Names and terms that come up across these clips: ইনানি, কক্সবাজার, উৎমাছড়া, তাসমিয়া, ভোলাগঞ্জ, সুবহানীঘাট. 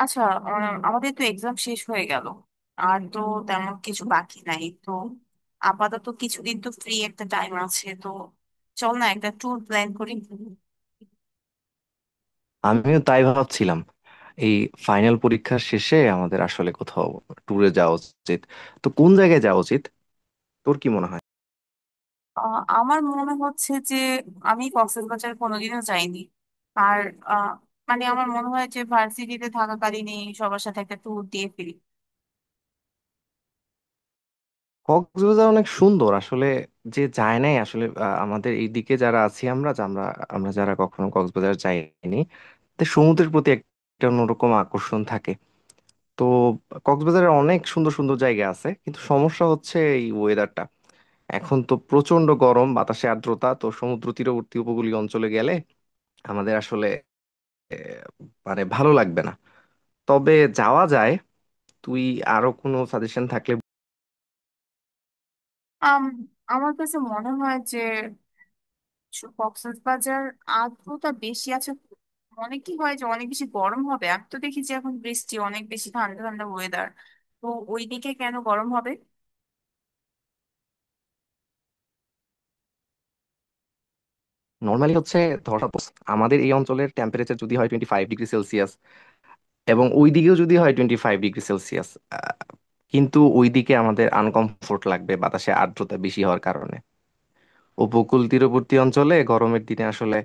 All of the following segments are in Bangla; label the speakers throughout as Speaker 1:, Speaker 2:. Speaker 1: আচ্ছা। আমাদের তো এক্সাম শেষ হয়ে গেল। আর তো তেমন কিছু বাকি নাই তো। আপাতত কিছুদিন তো ফ্রি একটা টাইম আছে তো। চল না একটা ট্যুর প্ল্যান করি।
Speaker 2: আমিও তাই ভাবছিলাম। এই ফাইনাল পরীক্ষার শেষে আমাদের আসলে কোথাও ট্যুরে যাওয়া উচিত। তো কোন জায়গায় যাওয়া উচিত, তোর কি মনে হয়?
Speaker 1: আমার মনে হচ্ছে যে আমি কক্সবাজার কোনোদিনও যাইনি। আর আহ, মানে আমার মনে হয় যে ভার্সিটিতে থাকাকালীনই সবার সাথে একটা ট্যুর দিয়ে ফিরি।
Speaker 2: কক্সবাজার অনেক সুন্দর আসলে, যে যায় নাই আসলে। আমাদের এই দিকে যারা আছি, আমরা যা- আমরা আমরা যারা কখনো কক্সবাজার যাইনি, তো সমুদ্রের প্রতি একটা অন্যরকম আকর্ষণ থাকে। তো কক্সবাজারে অনেক সুন্দর সুন্দর জায়গা আছে, কিন্তু সমস্যা হচ্ছে এই ওয়েদারটা। এখন তো প্রচন্ড গরম, বাতাসে আর্দ্রতা, তো সমুদ্র তীরবর্তী উপকূলীয় অঞ্চলে গেলে আমাদের আসলে মানে ভালো লাগবে না। তবে যাওয়া যায়। তুই আরো কোনো সাজেশন থাকলে?
Speaker 1: আম, আমার কাছে মনে হয় যে কক্সবাজার আর্দ্রতা বেশি আছে। অনেক কি হয় যে অনেক বেশি গরম হবে। আমি তো দেখি যে এখন বৃষ্টি অনেক বেশি, ঠান্ডা ঠান্ডা ওয়েদার। তো ওইদিকে কেন গরম হবে?
Speaker 2: নর্মালি হচ্ছে, ধর suppose আমাদের এই অঞ্চলের টেম্পারেচার যদি হয় 25 ডিগ্রি সেলসিয়াস, এবং ওই দিকেও যদি হয় 25 ডিগ্রি সেলসিয়াস, কিন্তু ওইদিকে আমাদের আনকমফোর্ট লাগবে বাতাসে আর্দ্রতা বেশি হওয়ার কারণে। উপকূল তীরবর্তী অঞ্চলে গরমের দিনে আসলে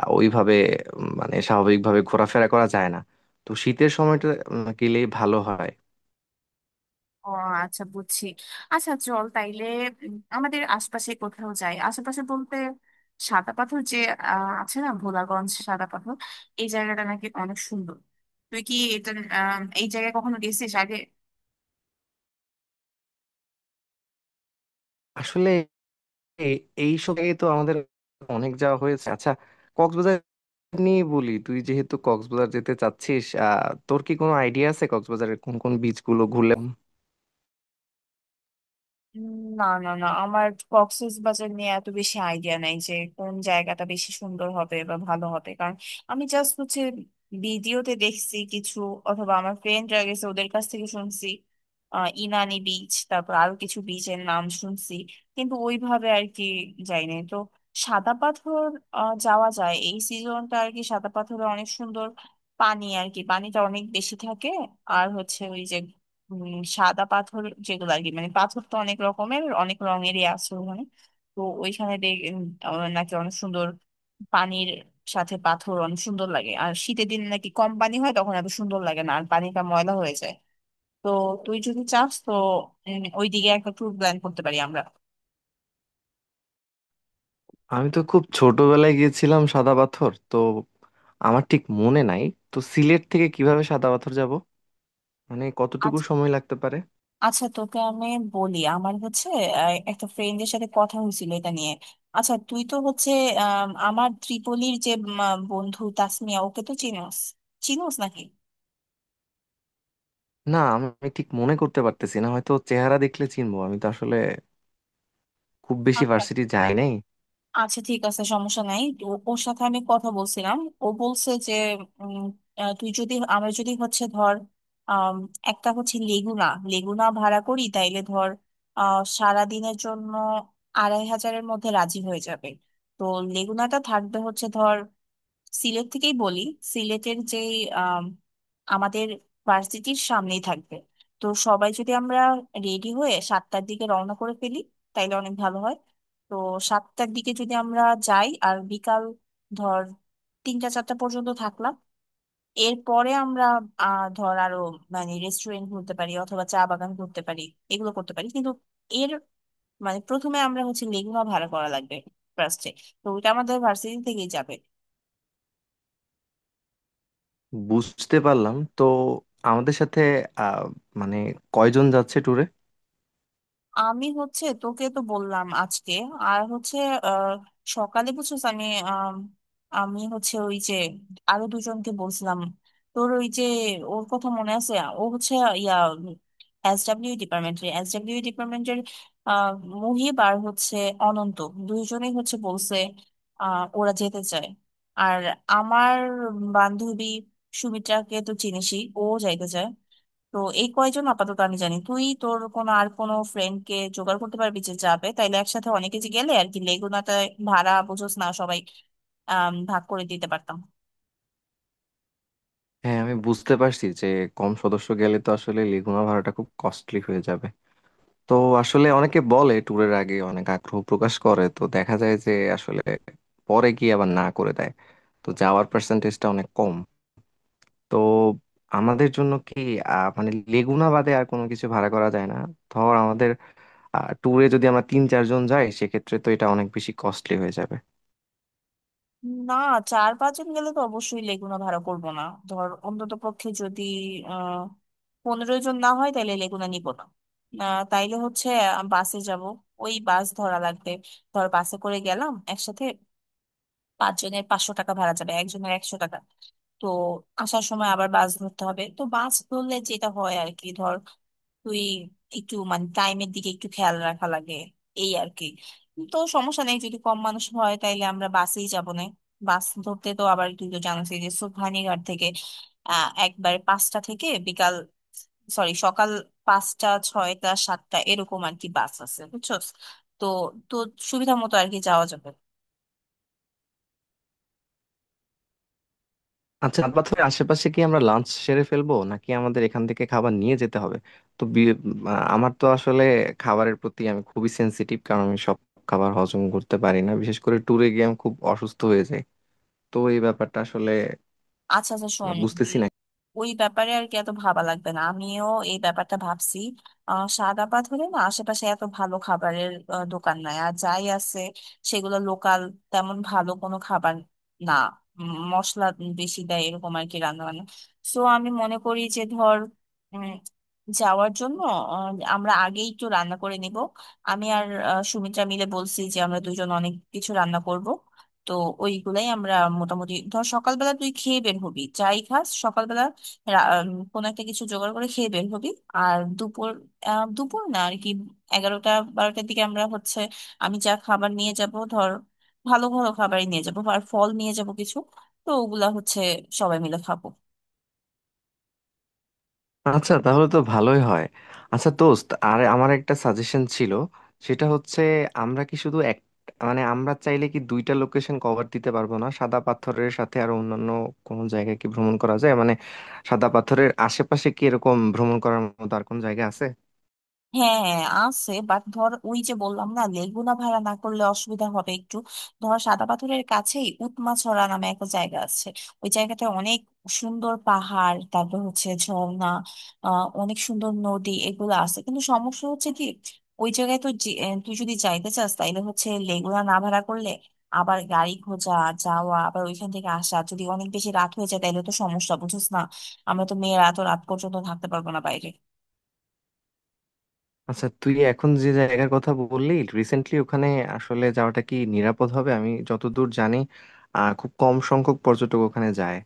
Speaker 2: ওইভাবে মানে স্বাভাবিকভাবে ঘোরাফেরা করা যায় না। তো শীতের সময়টা গেলেই ভালো হয়।
Speaker 1: ও আচ্ছা, বুঝছি। আচ্ছা চল তাইলে আমাদের আশপাশে কোথাও যাই। আশেপাশে বলতে সাদা পাথর যে আছে না, ভোলাগঞ্জ সাদা পাথর। এই জায়গাটা নাকি অনেক সুন্দর। তুই কি এটা এই জায়গায় কখনো গেছিস আগে?
Speaker 2: আসলে এই এইসব জায়গায় তো আমাদের অনেক যাওয়া হয়েছে। আচ্ছা কক্সবাজার নিয়ে বলি, তুই যেহেতু কক্সবাজার যেতে চাচ্ছিস, আহ তোর কি কোনো আইডিয়া আছে কক্সবাজারের কোন কোন বিচ গুলো ঘুরলে?
Speaker 1: উম, না না না, আমার কক্সবাজার নিয়ে এত বেশি আইডিয়া নাই যে কোন জায়গাটা বেশি সুন্দর হবে বা ভালো হবে। কারণ আমি জাস্ট হচ্ছে ভিডিওতে দেখছি কিছু, অথবা আমার ফ্রেন্ডরা গেছে ওদের কাছ থেকে শুনছি। আহ ইনানি বিচ, তারপর আরো কিছু বিচের নাম শুনছি। কিন্তু ওইভাবে আর কি যাইনি তো। সাদা পাথর যাওয়া যায় এই সিজনটা আর কি। সাদা পাথরে অনেক সুন্দর পানি আর কি, পানিটা অনেক বেশি থাকে। আর হচ্ছে ওই যে সাদা পাথর যেগুলো আর কি, মানে পাথর তো অনেক রকমের, অনেক রঙেরই আছে ওখানে। তো ওইখানে দেখ নাকি অনেক সুন্দর। পানির সাথে পাথর অনেক সুন্দর লাগে। আর শীতের দিন নাকি কম পানি হয়, তখন এত সুন্দর লাগে না আর পানিটা ময়লা হয়ে যায়। তো তুই যদি চাস তো ওইদিকে একটা ট্যুর প্ল্যান করতে পারি আমরা।
Speaker 2: আমি তো খুব ছোটবেলায় গিয়েছিলাম সাদা পাথর, তো আমার ঠিক মনে নাই। তো সিলেট থেকে কিভাবে সাদা পাথর যাব, মানে কতটুকু সময় লাগতে পারে?
Speaker 1: আচ্ছা তোকে আমি বলি, আমার হচ্ছে একটা ফ্রেন্ডের সাথে কথা হয়েছিল এটা নিয়ে। আচ্ছা তুই তো হচ্ছে আমার ত্রিপলির যে বন্ধু তাসমিয়া, ওকে তো চিনোস? চিনোস নাকি?
Speaker 2: না আমি ঠিক মনে করতে পারতেছি না, হয়তো চেহারা দেখলে চিনবো। আমি তো আসলে খুব বেশি
Speaker 1: আচ্ছা,
Speaker 2: ভার্সিটি যাই নাই।
Speaker 1: আচ্ছা, ঠিক আছে, সমস্যা নাই। ওর সাথে আমি কথা বলছিলাম। ও বলছে যে উম, তুই যদি, আমরা যদি হচ্ছে ধর আম, একটা হচ্ছে লেগুনা, লেগুনা ভাড়া করি তাইলে ধর আহ সারাদিনের জন্য 2500-এর মধ্যে রাজি হয়ে যাবে। তো লেগুনাটা থাকবে হচ্ছে ধর সিলেট থেকেই বলি, সিলেটের যে আম, আমাদের ভার্সিটির সামনেই থাকবে। তো সবাই যদি আমরা রেডি হয়ে 7টার দিকে রওনা করে ফেলি তাইলে অনেক ভালো হয়। তো 7টার দিকে যদি আমরা যাই আর বিকাল ধর 3টা 4টা পর্যন্ত থাকলাম, এরপরে আমরা আহ ধর আরো মানে রেস্টুরেন্ট ঘুরতে পারি, অথবা চা বাগান ঘুরতে পারি, এগুলো করতে পারি। কিন্তু এর মানে প্রথমে আমরা হচ্ছে লেগুনা ভাড়া করা লাগবে ফার্স্টে। তো ওইটা আমাদের ভার্সিটি থেকেই যাবে।
Speaker 2: বুঝতে পারলাম। তো আমাদের সাথে আহ মানে কয়জন যাচ্ছে ট্যুরে?
Speaker 1: আমি হচ্ছে তোকে তো বললাম আজকে। আর হচ্ছে আহ, সকালে বুঝছিস, আমি আম, আমি হচ্ছে ওই যে আরো দুজনকে বলছিলাম। তোর ওই যে, ওর কথা মনে আছে? ও হচ্ছে ইয়া এসডব্লিউ ডিপার্টমেন্টের মুহিব, আর হচ্ছে অনন্ত। দুইজনেই হচ্ছে বলছে ওরা যেতে চায়। আর আমার বান্ধবী সুমিত্রাকে তো চিনিসই, ও যাইতে চায়। তো এই কয়জন আপাতত আমি জানি। তুই তোর কোনো আর কোনো ফ্রেন্ড কে জোগাড় করতে পারবি যে যাবে? তাইলে একসাথে অনেকে যে গেলে আর কি, লেগুনাতে ভাড়া বুঝোস না, সবাই ভাগ করে দিতে পারতাম।
Speaker 2: হ্যাঁ আমি বুঝতে পারছি যে কম সদস্য গেলে তো আসলে লিগুনা ভাড়াটা খুব কস্টলি হয়ে যাবে। তো আসলে অনেকে বলে ট্যুরের আগে অনেক আগ্রহ প্রকাশ করে, তো দেখা যায় যে আসলে পরে গিয়ে আবার না করে দেয়। তো যাওয়ার পার্সেন্টেজটা অনেক কম। তো আমাদের জন্য কি মানে লেগুনা বাদে আর কোনো কিছু ভাড়া করা যায় না? ধর আমাদের ট্যুরে যদি আমরা তিন চারজন যাই, সেক্ষেত্রে তো এটা অনেক বেশি কস্টলি হয়ে যাবে।
Speaker 1: না, চার পাঁচজন গেলে তো অবশ্যই লেগুনা ভাড়া করব না। ধর অন্তত পক্ষে যদি আহ 15 জন না হয় তাহলে লেগুনা নিব না। তাইলে হচ্ছে বাসে যাব, ওই বাস ধরা লাগবে। ধর বাসে করে গেলাম একসাথে, 5 জনের 500 টাকা ভাড়া যাবে, 1 জনের 100 টাকা। তো আসার সময় আবার বাস ধরতে হবে। তো বাস ধরলে যেটা হয় আর কি, ধর তুই একটু মানে টাইমের দিকে একটু খেয়াল রাখা লাগে, এই আর কি। তো সমস্যা নেই, যদি কম মানুষ হয় তাইলে আমরা বাসেই যাবো না। বাস ধরতে তো আবার তুই তো জানিস যে সুবহানীঘাট থেকে আহ একবার পাঁচটা থেকে বিকাল, সরি সকাল 5টা 6টা 7টা এরকম আর কি বাস আছে, বুঝছো? তো তো সুবিধা মতো আর কি যাওয়া যাবে।
Speaker 2: আচ্ছা চাঁদপাথরের আশেপাশে কি আমরা লাঞ্চ সেরে ফেলবো, নাকি আমাদের এখান থেকে খাবার নিয়ে যেতে হবে? তো আমার তো আসলে খাবারের প্রতি আমি খুবই সেনসিটিভ, কারণ আমি সব খাবার হজম করতে পারি না, বিশেষ করে ট্যুরে গিয়ে আমি খুব অসুস্থ হয়ে যাই। তো এই ব্যাপারটা আসলে
Speaker 1: আচ্ছা, আচ্ছা, শোন,
Speaker 2: বুঝতেছি না।
Speaker 1: ওই ব্যাপারে আর কি এত ভাবা লাগবে না। আমিও এই ব্যাপারটা ভাবছি। আহ সাদাপাত হলে না আশেপাশে এত ভালো খাবারের দোকান নাই। আর যাই আছে সেগুলো লোকাল, তেমন ভালো কোনো খাবার না। মশলা বেশি দেয়, এরকম আর কি রান্না বান্না। সো আমি মনে করি যে ধর উম, যাওয়ার জন্য আমরা আগেই তো রান্না করে নিব। আমি আর সুমিত্রা মিলে বলছি যে আমরা দুজন অনেক কিছু রান্না করব। তো ওইগুলাই আমরা মোটামুটি ধর সকালবেলা তুই খেয়ে বের হবি, যাই খাস কোনো একটা কিছু জোগাড় করে খেয়ে বের হবি। আর দুপুর দুপুর না আর কি, 11টা 12টার দিকে আমরা হচ্ছে, আমি যা খাবার নিয়ে যাব ধর ভালো ভালো খাবারই নিয়ে যাব, আর ফল নিয়ে যাব কিছু। তো ওগুলা হচ্ছে সবাই মিলে খাবো।
Speaker 2: আচ্ছা তাহলে তো ভালোই হয়। আচ্ছা দোস্ত, আর আমার একটা সাজেশন ছিল। সেটা হচ্ছে, আমরা কি শুধু এক মানে আমরা চাইলে কি দুইটা লোকেশন কভার দিতে পারবো না? সাদা পাথরের সাথে আর অন্যান্য কোনো জায়গায় কি ভ্রমণ করা যায়, মানে সাদা পাথরের আশেপাশে কি এরকম ভ্রমণ করার মতো আর কোনো জায়গা আছে?
Speaker 1: হ্যাঁ হ্যাঁ আছে, বাট ধর ওই যে বললাম না, লেগুনা ভাড়া না করলে অসুবিধা হবে একটু। ধর সাদা পাথরের কাছেই উৎমাছড়া নামে একটা জায়গা আছে। ওই জায়গাটা অনেক সুন্দর, পাহাড়, তারপর হচ্ছে ঝর্ণা আহ অনেক সুন্দর নদী এগুলো আছে। কিন্তু সমস্যা হচ্ছে কি, ওই জায়গায় তো তুই যদি যাইতে চাস তাইলে হচ্ছে লেগুনা না ভাড়া করলে আবার গাড়ি খোঁজা, যাওয়া, আবার ওইখান থেকে আসা, যদি অনেক বেশি রাত হয়ে যায় তাইলে তো সমস্যা, বুঝছিস না? আমরা তো মেয়েরা তো রাত পর্যন্ত থাকতে পারবো না বাইরে।
Speaker 2: আচ্ছা তুই এখন যে জায়গার কথা বললি, রিসেন্টলি ওখানে আসলে যাওয়াটা কি নিরাপদ হবে? আমি যতদূর জানি আহ খুব কম সংখ্যক পর্যটক ওখানে যায়।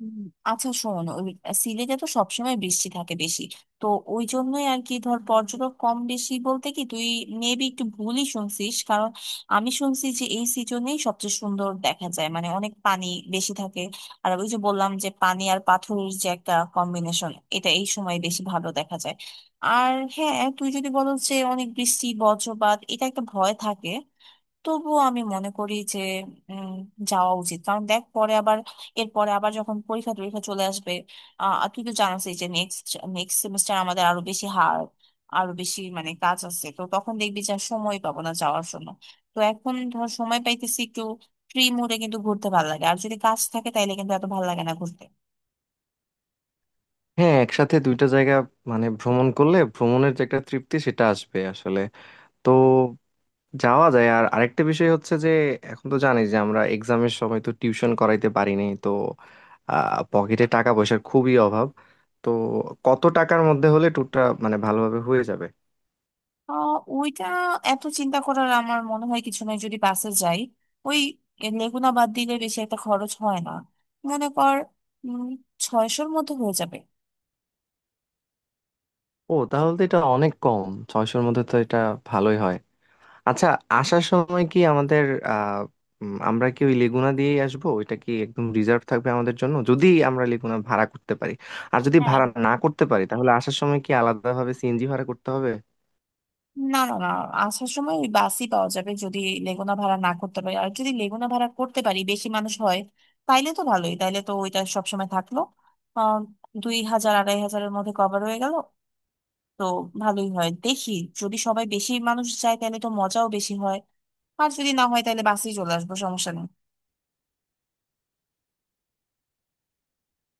Speaker 1: হুম। আচ্ছা শোন, ওই সিলেটে তো সবসময় বৃষ্টি থাকে বেশি। তো ওই জন্যই আর কি ধর, পর্যটক কম বেশি বলতে কি তুই মেবি একটু ভুলই শুনছিস। কারণ আমি শুনছি যে এই সিজনেই সবচেয়ে সুন্দর দেখা যায়, মানে অনেক পানি বেশি থাকে। আর ওই যে বললাম যে পানি আর পাথরের যে একটা কম্বিনেশন, এটা এই সময় বেশি ভালো দেখা যায়। আর হ্যাঁ তুই যদি বলো যে অনেক বৃষ্টি বজ্রপাত এটা একটা ভয় থাকে, তবুও আমি মনে করি যে উম, যাওয়া উচিত। কারণ দেখ পরে আবার, এরপরে আবার যখন পরীক্ষা টরীক্ষা চলে আসবে, আহ আর তুই তো জানাস যে নেক্সট নেক্সট সেমিস্টার আমাদের আরো বেশি হার, আরো বেশি মানে কাজ আছে। তো তখন দেখবি যে আর সময় পাবো না যাওয়ার জন্য। তো এখন ধর সময় পাইতেছি একটু, ফ্রি মুডে কিন্তু ঘুরতে ভালো লাগে, আর যদি কাজ থাকে তাইলে কিন্তু এত ভালো লাগে না ঘুরতে।
Speaker 2: হ্যাঁ একসাথে দুইটা জায়গা মানে ভ্রমণ করলে ভ্রমণের যে একটা তৃপ্তি, সেটা আসবে আসলে। তো যাওয়া যায়। আর আরেকটা বিষয় হচ্ছে যে এখন তো জানি যে আমরা এক্সামের সময় তো টিউশন করাইতে পারিনি। তো আহ পকেটে টাকা পয়সার খুবই অভাব। তো কত টাকার মধ্যে হলে ট্যুরটা মানে ভালোভাবে হয়ে যাবে?
Speaker 1: আহ ওইটা এত চিন্তা করার আমার মনে হয় কিছু নয়। যদি বাসে যাই, ওই লেগুনা বাদ দিলে বেশি একটা খরচ হয় না। মনে কর উম 600-র মধ্যে হয়ে যাবে।
Speaker 2: ও তাহলে তো এটা অনেক কম, 600-র মধ্যে তো এটা ভালোই হয়। আচ্ছা, আসার সময় কি আমাদের আহ আমরা কি ওই লেগুনা দিয়েই আসবো? ওইটা কি একদম রিজার্ভ থাকবে আমাদের জন্য, যদি আমরা লেগুনা ভাড়া করতে পারি? আর যদি
Speaker 1: হ্যাঁ,
Speaker 2: ভাড়া না করতে পারি তাহলে আসার সময় কি আলাদাভাবে CNG ভাড়া করতে হবে?
Speaker 1: না না না, আসার সময় ওই বাসই পাওয়া যাবে যদি লেগুনা ভাড়া না করতে পারি। আর যদি লেগুনা ভাড়া করতে পারি, বেশি মানুষ হয়, তাইলে তো ভালোই, তাইলে তো ওইটা সবসময় থাকলো। আহ 2000 2500-এর মধ্যে কভার হয়ে গেল। তো ভালোই হয় দেখি, যদি সবাই বেশি মানুষ যায় তাহলে তো মজাও বেশি হয়, আর যদি না হয় তাহলে বাসেই চলে আসবো, সমস্যা নেই।